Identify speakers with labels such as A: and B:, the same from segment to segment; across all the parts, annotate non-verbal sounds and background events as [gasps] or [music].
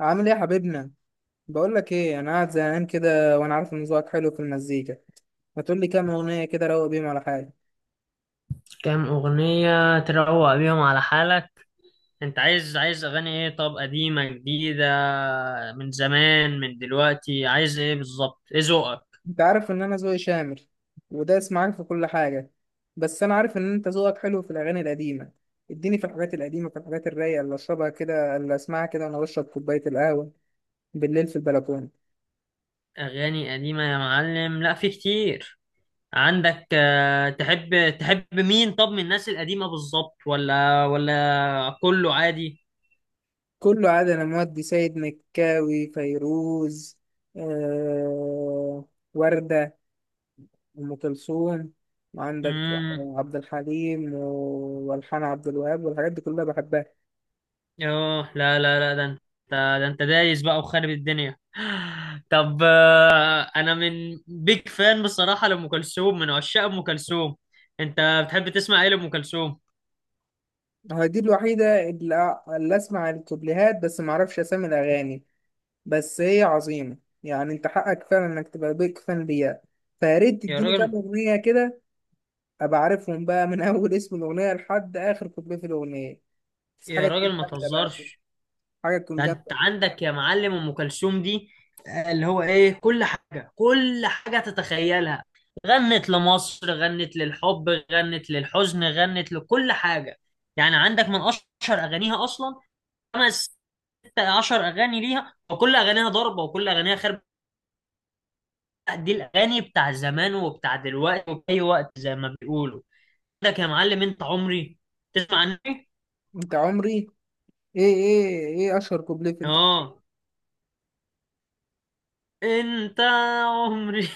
A: عامل ايه يا حبيبنا؟ بقول لك ايه، انا قاعد زهقان كده وانا عارف ان ذوقك حلو في المزيكا. ما تقول لي كام اغنيه كده روق بيهم على حاجه.
B: كام أغنية تروق بيهم على حالك؟ انت عايز أغاني ايه؟ طب قديمة جديدة؟ من زمان من دلوقتي؟ عايز ايه بالظبط؟ ايه ذوقك؟
A: انت عارف ان انا ذوقي شامل ودايس معاك في كل حاجه. بس انا عارف ان انت ذوقك حلو في الاغاني القديمه. اديني في الحاجات القديمه، في الحاجات الرايقه اللي اشربها كده، اللي اسمعها كده وانا بشرب كوبايه القهوه بالليل في البلكونه.
B: أغاني قديمة يا معلم، لا في كتير. عندك، تحب مين؟ طب من الناس القديمة بالظبط، ولا كله عادي؟
A: كله عاد انا مودي سيد مكاوي، فيروز، آه... وردة، أم كلثوم. وعندك عبد الحليم والحان عبد الوهاب والحاجات دي كلها بحبها.
B: اه، لا لا لا، ده انت، ده انت دايس بقى وخارب الدنيا. [gasps] [sighs] طب، انا من بيج فان بصراحة لأم كلثوم، من عشاق أم كلثوم. انت بتحب تسمع ايه لأم كلثوم؟
A: هي دي الوحيدة اللي أسمع الكوبليهات، بس معرفش أسامي الأغاني. بس هي عظيمة. يعني أنت حقك فعلا إنك تبقى بيك فان ليها. فياريت
B: يا
A: تديني كام
B: راجل.
A: أغنية كده أبقى عارفهم بقى من [laughs] أول اسم الأغنية لحد آخر كوبليه في الأغنية. بس
B: يا
A: حاجة تكون
B: راجل ما
A: جامدة بقى كده،
B: تهزرش.
A: حاجة تكون
B: ده انت
A: جامدة.
B: عندك يا معلم أم كلثوم دي، اللي هو ايه، كل حاجة، كل حاجة تتخيلها. غنت لمصر، غنت للحب، غنت للحزن، غنت لكل حاجة. يعني عندك من اشهر اغانيها اصلا خمس ست عشر اغاني ليها، وكل اغانيها ضربه، وكل اغانيها خرب. لا، دي الاغاني بتاع زمان وبتاع دلوقتي وفي اي وقت زي ما بيقولوا. عندك يا معلم انت عمري، تسمع عني.
A: أنت عمري. إيه أشهر كوبليه في أنت.
B: اه، انت عمري.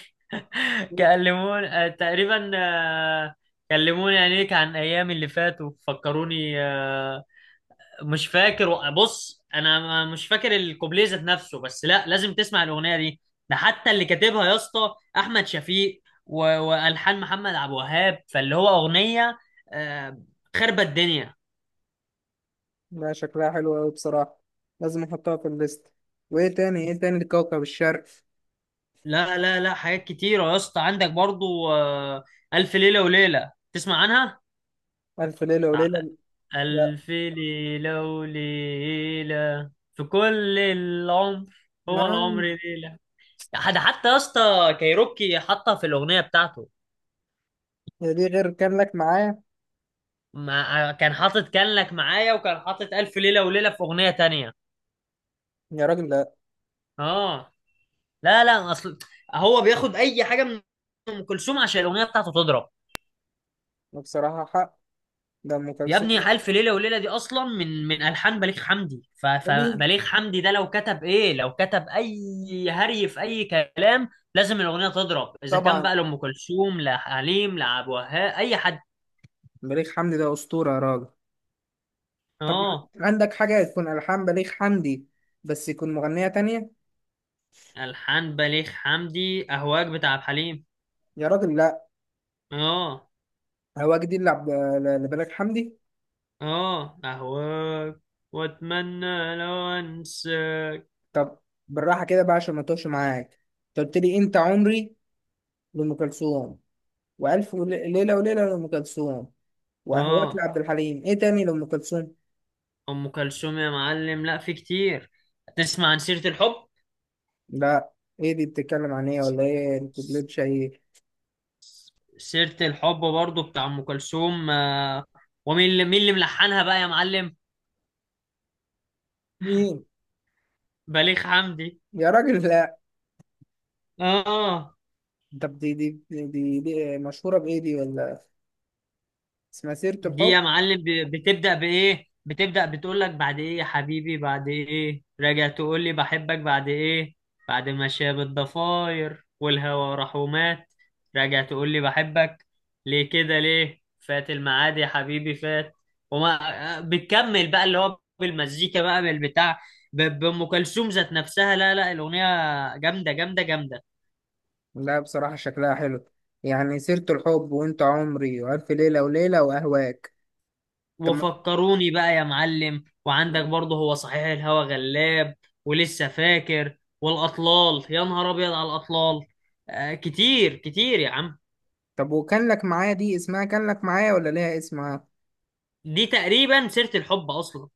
B: [laughs] كلموني، تقريبا، كلموني عينيك عن ايامي اللي فاتوا، فكروني، مش فاكر. بص، انا مش فاكر الكوبليه ذات نفسه، بس لا، لازم تسمع الاغنيه دي. ده حتى اللي كاتبها يا اسطى احمد شفيق، والحان محمد عبد الوهاب، فاللي هو اغنيه، آه، خربت الدنيا.
A: لا، شكلها حلو أوي بصراحة. لازم نحطها في الليست. وإيه تاني، إيه تاني لكوكب الشرق؟
B: لا لا لا، حاجات كتيره يا اسطى، عندك برضو، الف ليله وليله، تسمع عنها؟
A: ألف ليلة
B: بتاع
A: وليلة. لا.
B: الف ليله وليله في كل العمر، هو العمر
A: آه،
B: ليله. ده حتى يا اسطى كايروكي حطها في الاغنيه بتاعته.
A: هي دي غير كان لك معايا؟
B: ما كان حاطط كان لك معايا، وكان حاطط ألف ليلة وليلة في أغنية تانية.
A: يا راجل لا.
B: اه، لا لا، أصل هو بياخد أي حاجة من أم كلثوم عشان الأغنية بتاعته تضرب.
A: بصراحة حق. ده أم
B: يا
A: كلثوم.
B: ابني ألف ليلة وليلة دي أصلا من ألحان بليغ حمدي، ف-
A: بليغ.
B: فبليغ حمدي ده لو كتب إيه، لو كتب أي هري في أي كلام، لازم الأغنية تضرب، إذا كان
A: طبعا.
B: بقى لأم كلثوم لحليم لعبد الوهاب أي حد.
A: بليغ حمدي ده أسطورة يا راجل. طب،
B: اه.
A: عندك حاجة تكون ألحان بليغ حمدي بس يكون مغنية تانية؟
B: ألحان بليغ حمدي أهواك بتاع عبد الحليم.
A: يا راجل لا.
B: اه.
A: هواك دي اللي لبليغ حمدي.
B: اه، اهواك واتمنى لو انساك.
A: طب، بالراحة كده بقى عشان ما توش معاك. أنت قلت لي أنت عمري لأم كلثوم، وألف ليلة وليلة لأم كلثوم، وأهواك
B: اه،
A: لعبد الحليم. إيه تاني لأم كلثوم؟
B: ام كلثوم يا معلم لا في كتير، تسمع عن سيرة الحب؟
A: لا. إيه دي بتتكلم عن إيه؟ ولا إيه الكوبليتش إيه؟
B: سيرة الحب برضو بتاع ام كلثوم، آه. ومين اللي مين اللي ملحنها بقى يا معلم؟
A: مين؟
B: بليغ حمدي.
A: يا راجل لا.
B: اه،
A: طب دي مشهورة بإيه دي؟ ولا اسمها سيرة
B: دي
A: الحب؟
B: يا معلم بتبدأ بإيه؟ بتبدأ بتقول لك بعد إيه يا حبيبي؟ بعد إيه؟ راجع تقول لي بحبك بعد إيه؟ بعد ما شاب الضفاير والهوى راح ومات، راجع تقول لي بحبك ليه؟ كده ليه؟ فات الميعاد يا حبيبي فات. وما بتكمل بقى، اللي هو بالمزيكا بقى بالبتاع، بأم كلثوم ذات نفسها. لا لا، الأغنية جامدة جامدة جامدة.
A: لا بصراحة شكلها حلو. يعني سيرة الحب وأنت عمري وألف ليلة وليلة وأهواك. طب
B: وفكروني بقى يا معلم، وعندك برضه هو صحيح، الهوى غلاب، ولسه فاكر، والأطلال، يا نهار أبيض على الأطلال. آه، كتير كتير يا عم.
A: طب وكان لك معايا دي اسمها كان لك معايا ولا ليها اسمها؟
B: دي تقريبا سيرة الحب أصلا.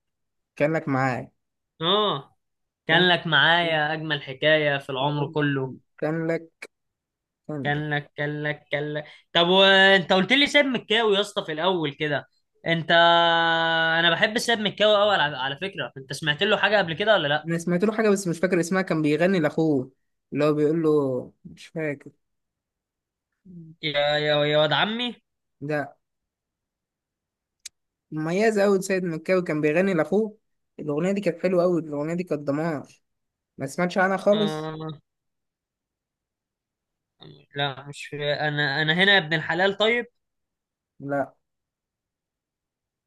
A: كان لك معايا.
B: آه،
A: كان
B: كان لك معايا أجمل حكاية في العمر كله.
A: كان لك، كان.
B: كان لك، كان لك، كان لك. طب، وأنت قلت لي ساب مكاوي يا اسطى في الأول كده، أنت، أنا بحب ساب مكاوي أوي، على فكرة، أنت سمعت له حاجة قبل كده ولا لأ؟
A: انا سمعت له حاجه بس مش فاكر اسمها، كان بيغني لاخوه، اللي هو بيقول له مش فاكر.
B: يا واد عمي.
A: ده مميز قوي سيد مكاوي، كان بيغني لاخوه. الاغنيه دي كانت حلوه قوي، الاغنيه دي كانت دمار. ما سمعتش عنها خالص.
B: آه. لا، مش انا هنا يا ابن الحلال، طيب.
A: لا،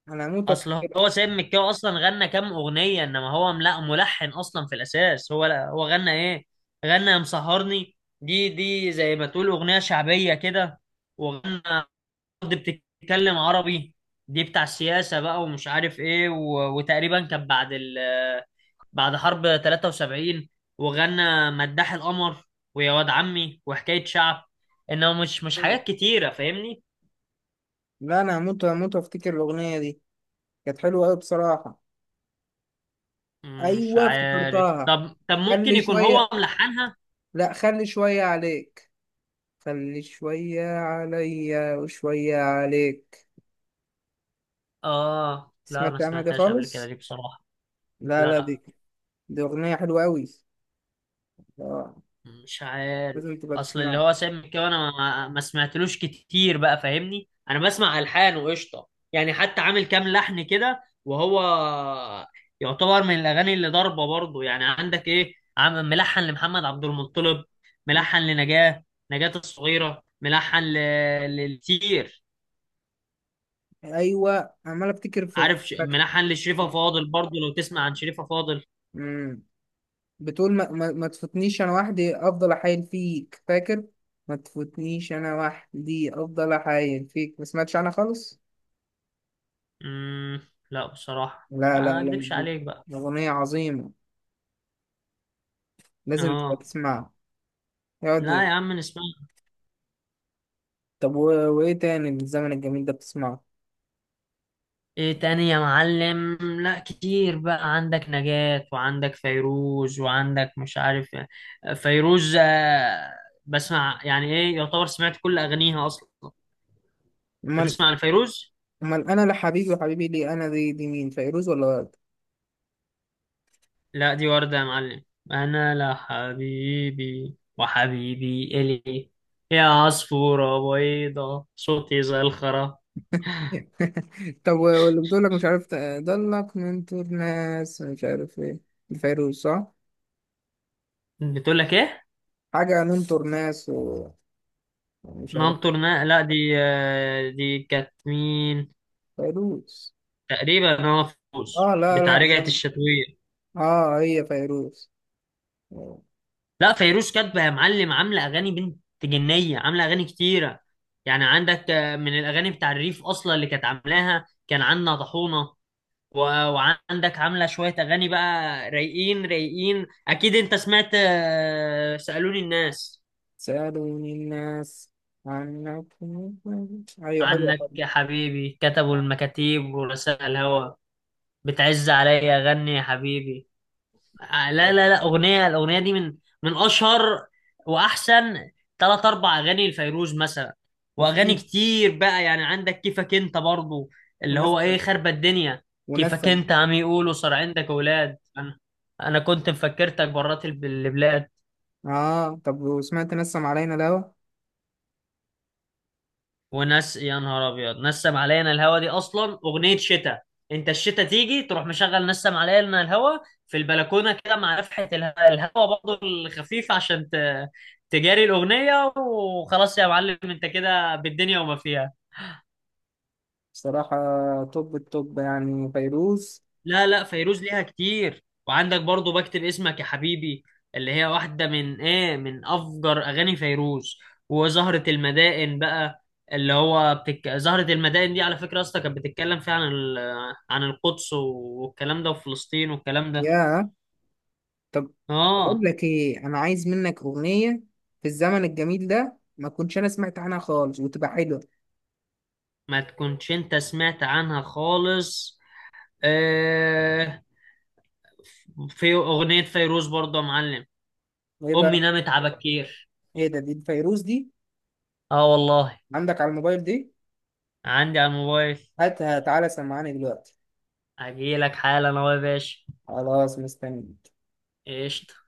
A: انا هموت
B: اصل
A: وافتكر.
B: هو سيد مكاوي اصلا غنى كام اغنيه، انما هو لا ملحن اصلا في الاساس، هو لا، هو غنى ايه؟ غنى يا مسهرني، دي زي ما تقول اغنيه شعبيه كده. وغنى أرض بتتكلم عربي، دي بتاع السياسه بقى ومش عارف ايه، وتقريبا كان بعد بعد حرب 73، وغنى مداح القمر، ويا واد عمي، وحكايه شعب. انه مش حاجات كتيره، فاهمني؟
A: لا، انا هموت وافتكر الاغنيه دي. كانت حلوه قوي بصراحه.
B: مش
A: ايوه
B: عارف،
A: افتكرتها.
B: طب ممكن
A: خلي
B: يكون هو
A: شويه.
B: ملحنها.
A: لا، خلي شويه عليك. خلي شويه عليا وشويه عليك.
B: اه، لا، ما
A: سمعت عنها دي
B: سمعتهاش قبل كده
A: خالص.
B: دي بصراحة.
A: لا، لا،
B: لا،
A: دي أغنية حلوة أوي. آه.
B: مش عارف،
A: لازم تبقى
B: اصل اللي
A: تسمعها.
B: هو سامي كده، انا ما سمعتلوش كتير بقى، فاهمني؟ انا بسمع الحان وقشطة. يعني حتى عامل كام لحن كده، وهو يعتبر من الاغاني اللي ضاربة برضه، يعني عندك ايه عم، ملحن لمحمد عبد المطلب،
A: مم.
B: ملحن لنجاة، نجاة الصغيرة، ملحن لكتير.
A: أيوة، عمال أفتكر، في
B: عارف
A: فاكر.
B: منحن لشريفة فاضل برضو، لو تسمع عن شريفة فاضل.
A: مم. بتقول ما تفوتنيش أنا وحدي أفضل أحايل فيك، فاكر؟ ما تفوتنيش أنا وحدي أفضل أحايل فيك. ما سمعتش عنها خالص.
B: مم... لا بصراحة
A: لا، لا،
B: ما اكدبش عليك بقى.
A: لا، أغنية عظيمة. لازم تبقى
B: اه،
A: تسمعها.
B: لا
A: يقعد.
B: يا عم نسمع.
A: طب وإيه تاني من الزمن الجميل ده بتسمعه؟
B: ايه تاني يا معلم؟ لا كتير بقى، عندك نجاة، وعندك فيروز، وعندك مش عارف. فيروز، بسمع يعني، ايه يعتبر، سمعت كل اغانيها اصلا. انت
A: أمال.
B: تسمع لفيروز؟
A: أمال أنا لحبيبي وحبيبي ليه، أنا دي مين، فيروز ولا؟
B: لا، دي وردة يا معلم، أنا لا حبيبي وحبيبي إلي، يا عصفورة بيضة، صوتي زي الخرا.
A: [laughs] طب واللي بتقول لك مش عارف ضلك ننطر ناس مش عارف ايه، الفيروز صح؟
B: بتقول لك إيه؟
A: حاجة ننطر ناس ومش عارف.
B: ننطر لا، دي، دي كانت مين؟
A: فيروز.
B: تقريبا أنا
A: اه،
B: فوز بتاع
A: لا
B: رجعت
A: زم.
B: الشتوية.
A: اه، هي فيروز.
B: لا، فيروز كاتبة يا معلم، عاملة أغاني بنت جنية، عاملة أغاني كتيرة. يعني عندك، من الأغاني بتاع الريف أصلا اللي كانت عاملاها كان عندنا طحونة، و- وعندك عاملة شوية أغاني بقى رايقين رايقين. أكيد أنت سمعت، سألوني الناس
A: سألوني الناس عنكم. ايوه حلوة
B: عنك
A: طبعا.
B: يا حبيبي، كتبوا المكاتيب ورسائل الهوى، بتعز عليا أغني يا حبيبي. لا لا لا، الاغنيه دي من اشهر واحسن ثلاث اربع اغاني لفيروز مثلا. واغاني
A: وفي.
B: كتير بقى، يعني عندك كيفك انت برضو، اللي هو
A: ونسم
B: ايه، خربة الدنيا. كيفك
A: ونسم
B: انت عم يقولوا صار عندك اولاد، انا، انا كنت مفكرتك برات البلاد.
A: اه، طب وسمعت نسم علينا الهوا؟
B: وناس، يا نهار ابيض، نسم علينا الهوا دي اصلا اغنيه شتاء، انت الشتاء تيجي تروح مشغل نسم علينا الهوا في البلكونه كده، مع نفحه الهوا برضه الخفيف عشان تجاري الاغنيه، وخلاص يا معلم انت كده بالدنيا وما فيها.
A: بصراحة توب التوب يعني فيروز.
B: لا لا، فيروز ليها كتير، وعندك برضو بكتب اسمك يا حبيبي، اللي هي واحدة من ايه، من افجر اغاني فيروز. وزهرة المدائن بقى، اللي هو زهرة المدائن دي على فكرة يا اسطى كانت بتتكلم فيها عن عن القدس والكلام ده وفلسطين والكلام ده.
A: يا طب اقول
B: اه،
A: لك ايه، انا عايز منك اغنيه في الزمن الجميل ده ما كنتش انا سمعت عنها خالص وتبقى حلوه.
B: ما تكونش انت سمعت عنها خالص، آه... في اغنية فيروز برضو يا معلم،
A: ايه
B: امي
A: بقى؟
B: نامت على بكير.
A: ايه ده، دي الفيروز دي؟
B: اه والله.
A: عندك على الموبايل دي؟
B: عندي على الموبايل.
A: هاتها تعالى سمعاني دلوقتي.
B: اجيلك حالا اهو يا باشا.
A: خلاص، مستني.
B: قشطة.